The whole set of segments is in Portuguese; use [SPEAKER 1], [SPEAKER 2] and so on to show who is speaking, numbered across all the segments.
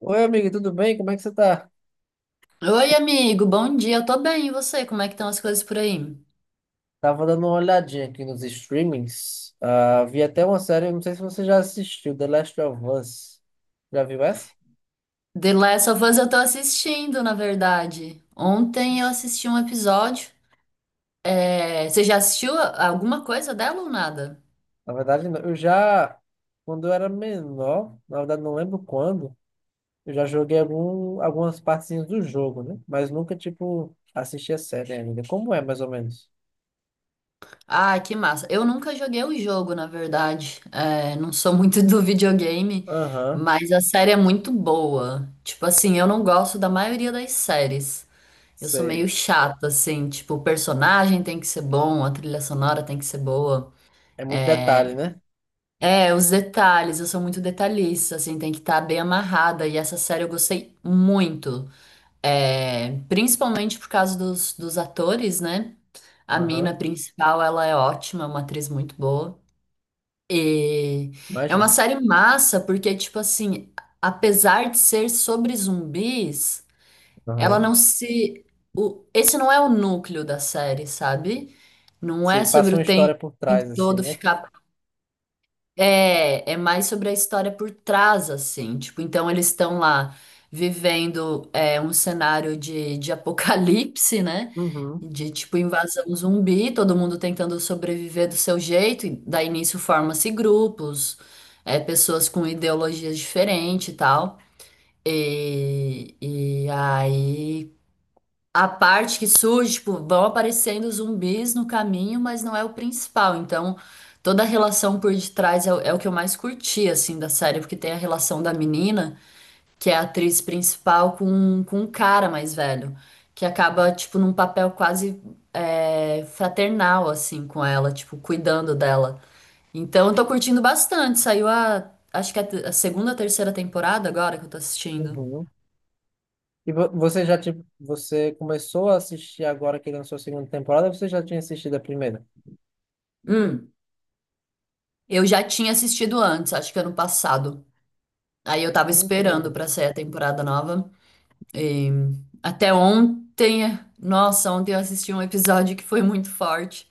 [SPEAKER 1] Oi, amigo, tudo bem? Como é que você tá?
[SPEAKER 2] Oi, amigo, bom dia. Eu tô bem, e você? Como é que estão as coisas por aí?
[SPEAKER 1] Tava dando uma olhadinha aqui nos streamings. Ah, vi até uma série, não sei se você já assistiu, The Last of Us. Já viu essa?
[SPEAKER 2] The Last of Us eu tô assistindo, na verdade. Ontem eu assisti um episódio. É, você já assistiu alguma coisa dela ou nada?
[SPEAKER 1] Na verdade, não. Quando eu era menor, na verdade não lembro quando, eu já joguei algumas partezinhas do jogo, né? Mas nunca, tipo, assisti a série ainda. Como é, mais ou menos?
[SPEAKER 2] Ah, que massa. Eu nunca joguei o jogo, na verdade. É, não sou muito do videogame,
[SPEAKER 1] Aham,
[SPEAKER 2] mas a série é muito boa. Tipo assim, eu não gosto da maioria das séries. Eu sou meio
[SPEAKER 1] sei.
[SPEAKER 2] chata, assim. Tipo, o personagem tem que ser bom, a trilha sonora tem que ser boa.
[SPEAKER 1] É muito detalhe, né?
[SPEAKER 2] É, os detalhes, eu sou muito detalhista, assim, tem que estar bem amarrada. E essa série eu gostei muito, é, principalmente por causa dos atores, né? A mina
[SPEAKER 1] Aham,
[SPEAKER 2] principal, ela é ótima, é uma atriz muito boa. E é uma
[SPEAKER 1] imagina.
[SPEAKER 2] série massa, porque, tipo assim, apesar de ser sobre zumbis, ela
[SPEAKER 1] Aham.
[SPEAKER 2] não se. O, esse não é o núcleo da série, sabe? Não é
[SPEAKER 1] Se
[SPEAKER 2] sobre
[SPEAKER 1] passa
[SPEAKER 2] o
[SPEAKER 1] uma história
[SPEAKER 2] tempo
[SPEAKER 1] por trás, assim,
[SPEAKER 2] todo
[SPEAKER 1] né?
[SPEAKER 2] ficar é, é mais sobre a história por trás, assim. Tipo, então eles estão lá vivendo é, um cenário de apocalipse, né?
[SPEAKER 1] Uhum.
[SPEAKER 2] De tipo invasão zumbi, todo mundo tentando sobreviver do seu jeito, e daí nisso forma-se grupos, é, pessoas com ideologias diferentes e tal. E aí a parte que surge, tipo, vão aparecendo zumbis no caminho, mas não é o principal. Então, toda a relação por detrás é, o é o que eu mais curti, assim, da série, porque tem a relação da menina, que é a atriz principal, com um cara mais velho, que acaba, tipo, num papel quase é, fraternal, assim, com ela, tipo, cuidando dela. Então, eu tô curtindo bastante. Saiu a, acho que é a, a segunda, ou terceira temporada agora que eu tô assistindo.
[SPEAKER 1] Uhum. E você já tipo, você começou a assistir agora que lançou a segunda temporada, ou você já tinha assistido a primeira?
[SPEAKER 2] Hum, eu já tinha assistido antes, acho que ano passado. Aí eu tava
[SPEAKER 1] Que
[SPEAKER 2] esperando
[SPEAKER 1] legal.
[SPEAKER 2] pra sair a temporada nova. E até ontem, nossa, ontem eu assisti um episódio que foi muito forte.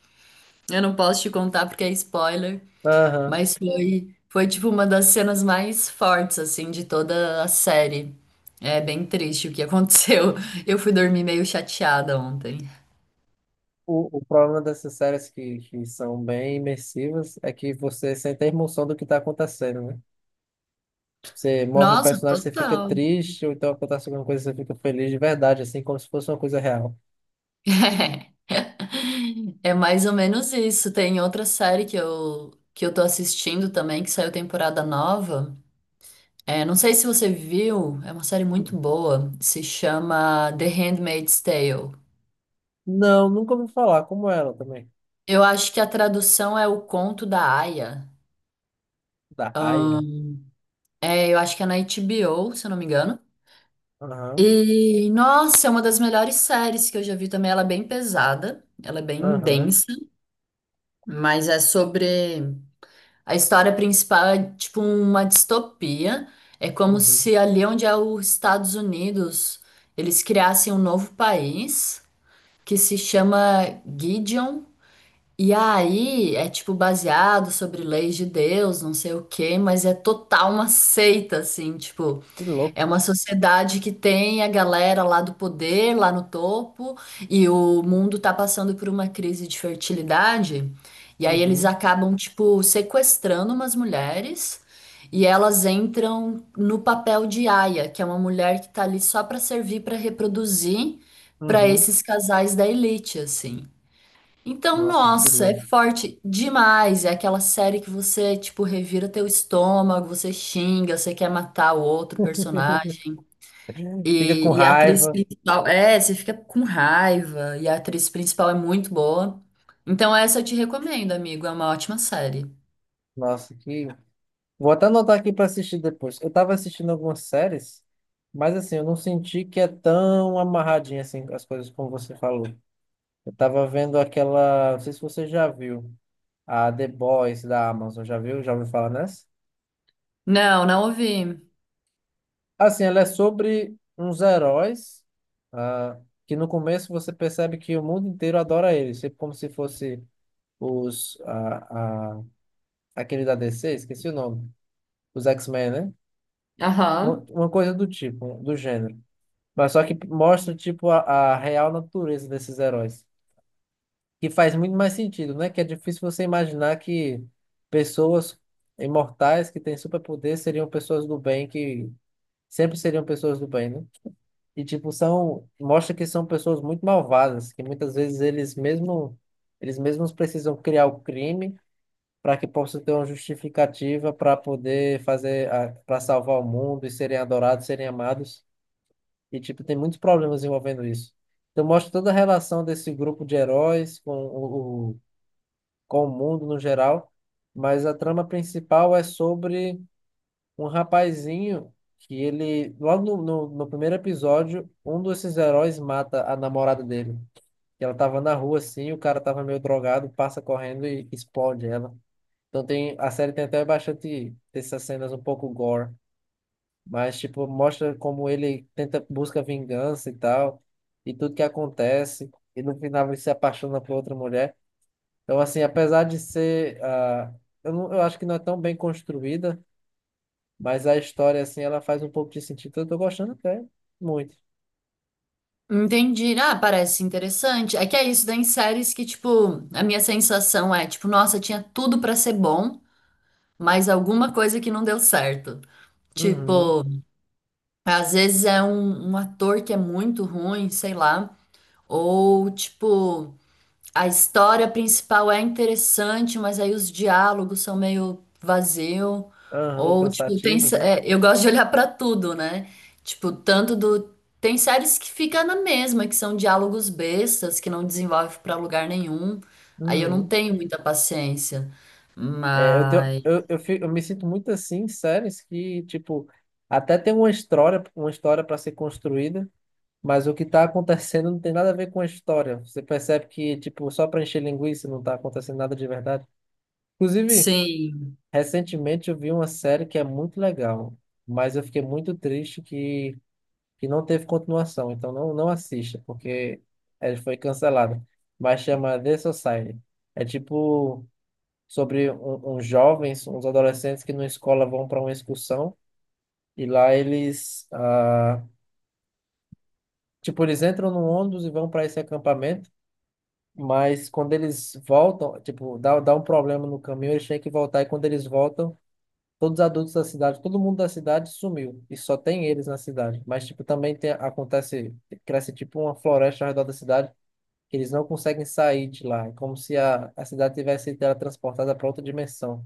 [SPEAKER 2] Eu não posso te contar porque é spoiler,
[SPEAKER 1] Aham.
[SPEAKER 2] mas foi, foi tipo uma das cenas mais fortes assim de toda a série. É bem triste o que aconteceu. Eu fui dormir meio chateada ontem.
[SPEAKER 1] O problema dessas séries que são bem imersivas é que você sente a emoção do que está acontecendo, né? Você morre um
[SPEAKER 2] Nossa,
[SPEAKER 1] personagem, você fica
[SPEAKER 2] total.
[SPEAKER 1] triste, ou então acontece alguma coisa, você fica feliz de verdade, assim, como se fosse uma coisa real.
[SPEAKER 2] É mais ou menos isso. Tem outra série que eu tô assistindo também que saiu temporada nova. É, não sei se você viu, é uma série muito boa, se chama The Handmaid's Tale.
[SPEAKER 1] Não, nunca ouvi falar, como ela também.
[SPEAKER 2] Eu acho que a tradução é O Conto da Aia.
[SPEAKER 1] Da Aya.
[SPEAKER 2] É, eu acho que é na HBO, se eu não me engano.
[SPEAKER 1] Aham,
[SPEAKER 2] E, nossa, é uma das melhores séries que eu já vi também. Ela é bem pesada, ela é bem
[SPEAKER 1] aham,
[SPEAKER 2] densa, mas é sobre. A história principal é tipo uma distopia. É como
[SPEAKER 1] uhum.
[SPEAKER 2] se ali onde é os Estados Unidos, eles criassem um novo país, que se chama Gideon. E aí é tipo baseado sobre leis de Deus, não sei o quê, mas é total uma seita, assim, tipo.
[SPEAKER 1] Que louco.
[SPEAKER 2] É uma sociedade que tem a galera lá do poder, lá no topo, e o mundo tá passando por uma crise de fertilidade. E aí eles
[SPEAKER 1] Uhum,
[SPEAKER 2] acabam, tipo, sequestrando umas mulheres e elas entram no papel de aia, que é uma mulher que tá ali só pra servir pra reproduzir pra
[SPEAKER 1] uhum.
[SPEAKER 2] esses casais da elite, assim. Então,
[SPEAKER 1] Nossa, que
[SPEAKER 2] nossa, é
[SPEAKER 1] louco.
[SPEAKER 2] forte demais. É aquela série que você, tipo, revira teu estômago, você xinga, você quer matar o outro personagem.
[SPEAKER 1] Fica com
[SPEAKER 2] E a atriz
[SPEAKER 1] raiva.
[SPEAKER 2] principal, é, você fica com raiva, e a atriz principal é muito boa. Então essa eu te recomendo, amigo, é uma ótima série.
[SPEAKER 1] Nossa, que. Vou até anotar aqui para assistir depois. Eu tava assistindo algumas séries, mas assim, eu não senti que é tão amarradinha assim as coisas como você falou. Eu tava vendo aquela, não sei se você já viu, a The Boys da Amazon, já viu? Já ouviu falar nessa?
[SPEAKER 2] Não, não ouvi.
[SPEAKER 1] Assim, ela é sobre uns heróis, ah, que no começo você percebe que o mundo inteiro adora eles, tipo como se fosse os, ah, ah, aquele da DC, esqueci o nome, os X-Men, né? Uma
[SPEAKER 2] Aham.
[SPEAKER 1] uma coisa do tipo, do gênero. Mas só que mostra, tipo, a real natureza desses heróis. Que faz muito mais sentido, né? Que é difícil você imaginar que pessoas imortais que têm superpoder seriam pessoas do bem, que sempre seriam pessoas do bem, né? E, tipo, são... Mostra que são pessoas muito malvadas, que muitas vezes eles mesmos precisam criar o crime para que possa ter uma justificativa para poder fazer, para salvar o mundo e serem adorados, serem amados. E, tipo, tem muitos problemas envolvendo isso. Então, mostra toda a relação desse grupo de heróis com com o mundo no geral, mas a trama principal é sobre um rapazinho que ele, logo no primeiro episódio, um desses heróis mata a namorada dele. E ela tava na rua, assim, o cara tava meio drogado, passa correndo e explode ela. Então, tem, a série tem até bastante dessas cenas um pouco gore. Mas, tipo, mostra como ele tenta, busca vingança e tal, e tudo que acontece, e no final ele se apaixona por outra mulher. Então, assim, apesar de ser, eu acho que não é tão bem construída, mas a história, assim, ela faz um pouco de sentido. Então, eu tô gostando até muito.
[SPEAKER 2] Entendi. Ah, parece interessante. É que é isso, tem séries que, tipo, a minha sensação é, tipo, nossa, tinha tudo pra ser bom, mas alguma coisa que não deu certo.
[SPEAKER 1] Uhum.
[SPEAKER 2] Tipo, às vezes é um ator que é muito ruim, sei lá, ou, tipo, a história principal é interessante, mas aí os diálogos são meio vazio.
[SPEAKER 1] Aham,
[SPEAKER 2] Ou, tipo,
[SPEAKER 1] cansativos, né?
[SPEAKER 2] é, eu gosto de olhar pra tudo, né? Tipo, tanto do. Tem séries que ficam na mesma, que são diálogos bestas, que não desenvolve pra lugar nenhum. Aí eu não
[SPEAKER 1] Uhum.
[SPEAKER 2] tenho muita paciência.
[SPEAKER 1] É, eu, tenho,
[SPEAKER 2] Mas.
[SPEAKER 1] eu, fi- Eu me sinto muito assim em séries que, tipo, até tem uma história, para ser construída, mas o que está acontecendo não tem nada a ver com a história. Você percebe que, tipo, só para encher linguiça não está acontecendo nada de verdade. Inclusive,
[SPEAKER 2] Sim.
[SPEAKER 1] recentemente eu vi uma série que é muito legal, mas eu fiquei muito triste que não teve continuação. Então não assista, porque ela foi cancelada. Mas chama The Society. É tipo sobre uns jovens, uns adolescentes que na escola vão para uma excursão e lá tipo, eles entram num ônibus e vão para esse acampamento. Mas quando eles voltam, tipo, dá um problema no caminho, eles têm que voltar. E quando eles voltam, todos os adultos da cidade, todo mundo da cidade sumiu. E só tem eles na cidade. Mas, tipo, também tem, acontece, cresce tipo uma floresta ao redor da cidade, que eles não conseguem sair de lá. É como se a cidade tivesse sido teletransportada para outra dimensão.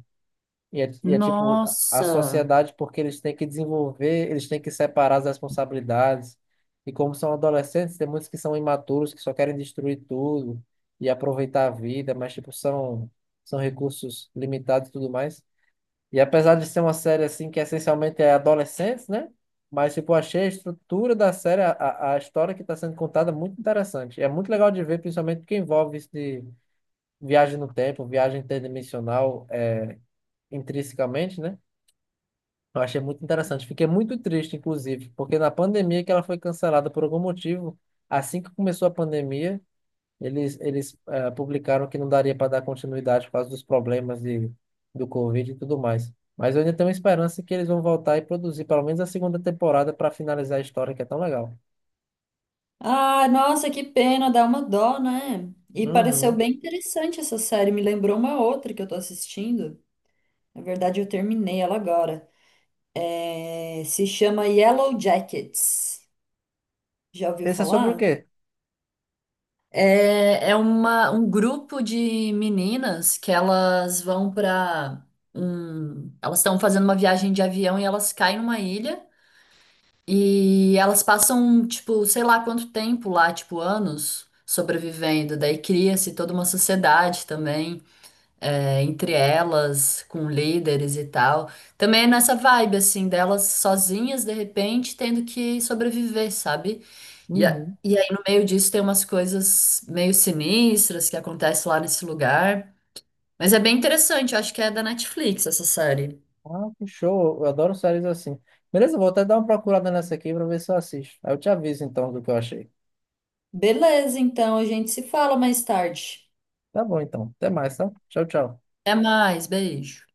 [SPEAKER 1] E é tipo a
[SPEAKER 2] Nossa!
[SPEAKER 1] sociedade, porque eles têm que desenvolver, eles têm que separar as responsabilidades. E como são adolescentes, tem muitos que são imaturos, que só querem destruir tudo e aproveitar a vida, mas tipo são recursos limitados e tudo mais. E apesar de ser uma série assim que essencialmente é adolescentes, né? Mas tipo, eu achei a estrutura da série, a história que está sendo contada muito interessante. É muito legal de ver, principalmente porque envolve isso de viagem no tempo, viagem interdimensional, é, intrinsecamente, né? Eu achei muito interessante. Fiquei muito triste, inclusive, porque na pandemia que ela foi cancelada por algum motivo, assim que começou a pandemia, eles publicaram que não daria para dar continuidade por causa dos problemas de, do Covid e tudo mais. Mas eu ainda tenho esperança que eles vão voltar e produzir pelo menos a segunda temporada para finalizar a história, que é tão legal.
[SPEAKER 2] Ah, nossa, que pena, dá uma dó, né? E pareceu
[SPEAKER 1] Uhum.
[SPEAKER 2] bem interessante essa série, me lembrou uma outra que eu tô assistindo. Na verdade, eu terminei ela agora. É, se chama Yellow Jackets. Já ouviu
[SPEAKER 1] Esse é sobre o
[SPEAKER 2] falar?
[SPEAKER 1] quê?
[SPEAKER 2] É, é um grupo de meninas que elas vão para um, elas estão fazendo uma viagem de avião e elas caem numa ilha e elas passam, tipo, sei lá quanto tempo lá, tipo, anos sobrevivendo. Daí cria-se toda uma sociedade também, é, entre elas, com líderes e tal. Também é nessa vibe, assim, delas sozinhas, de repente, tendo que sobreviver, sabe? E,
[SPEAKER 1] Uhum.
[SPEAKER 2] e aí, no meio disso, tem umas coisas meio sinistras que acontecem lá nesse lugar. Mas é bem interessante, eu acho que é da Netflix essa série.
[SPEAKER 1] Ah, que show. Eu adoro séries assim. Beleza, eu vou até dar uma procurada nessa aqui para ver se eu assisto. Aí eu te aviso então do que eu achei.
[SPEAKER 2] Beleza, então a gente se fala mais tarde.
[SPEAKER 1] Tá bom, então. Até mais, tá? Tchau, tchau.
[SPEAKER 2] Até mais, beijo.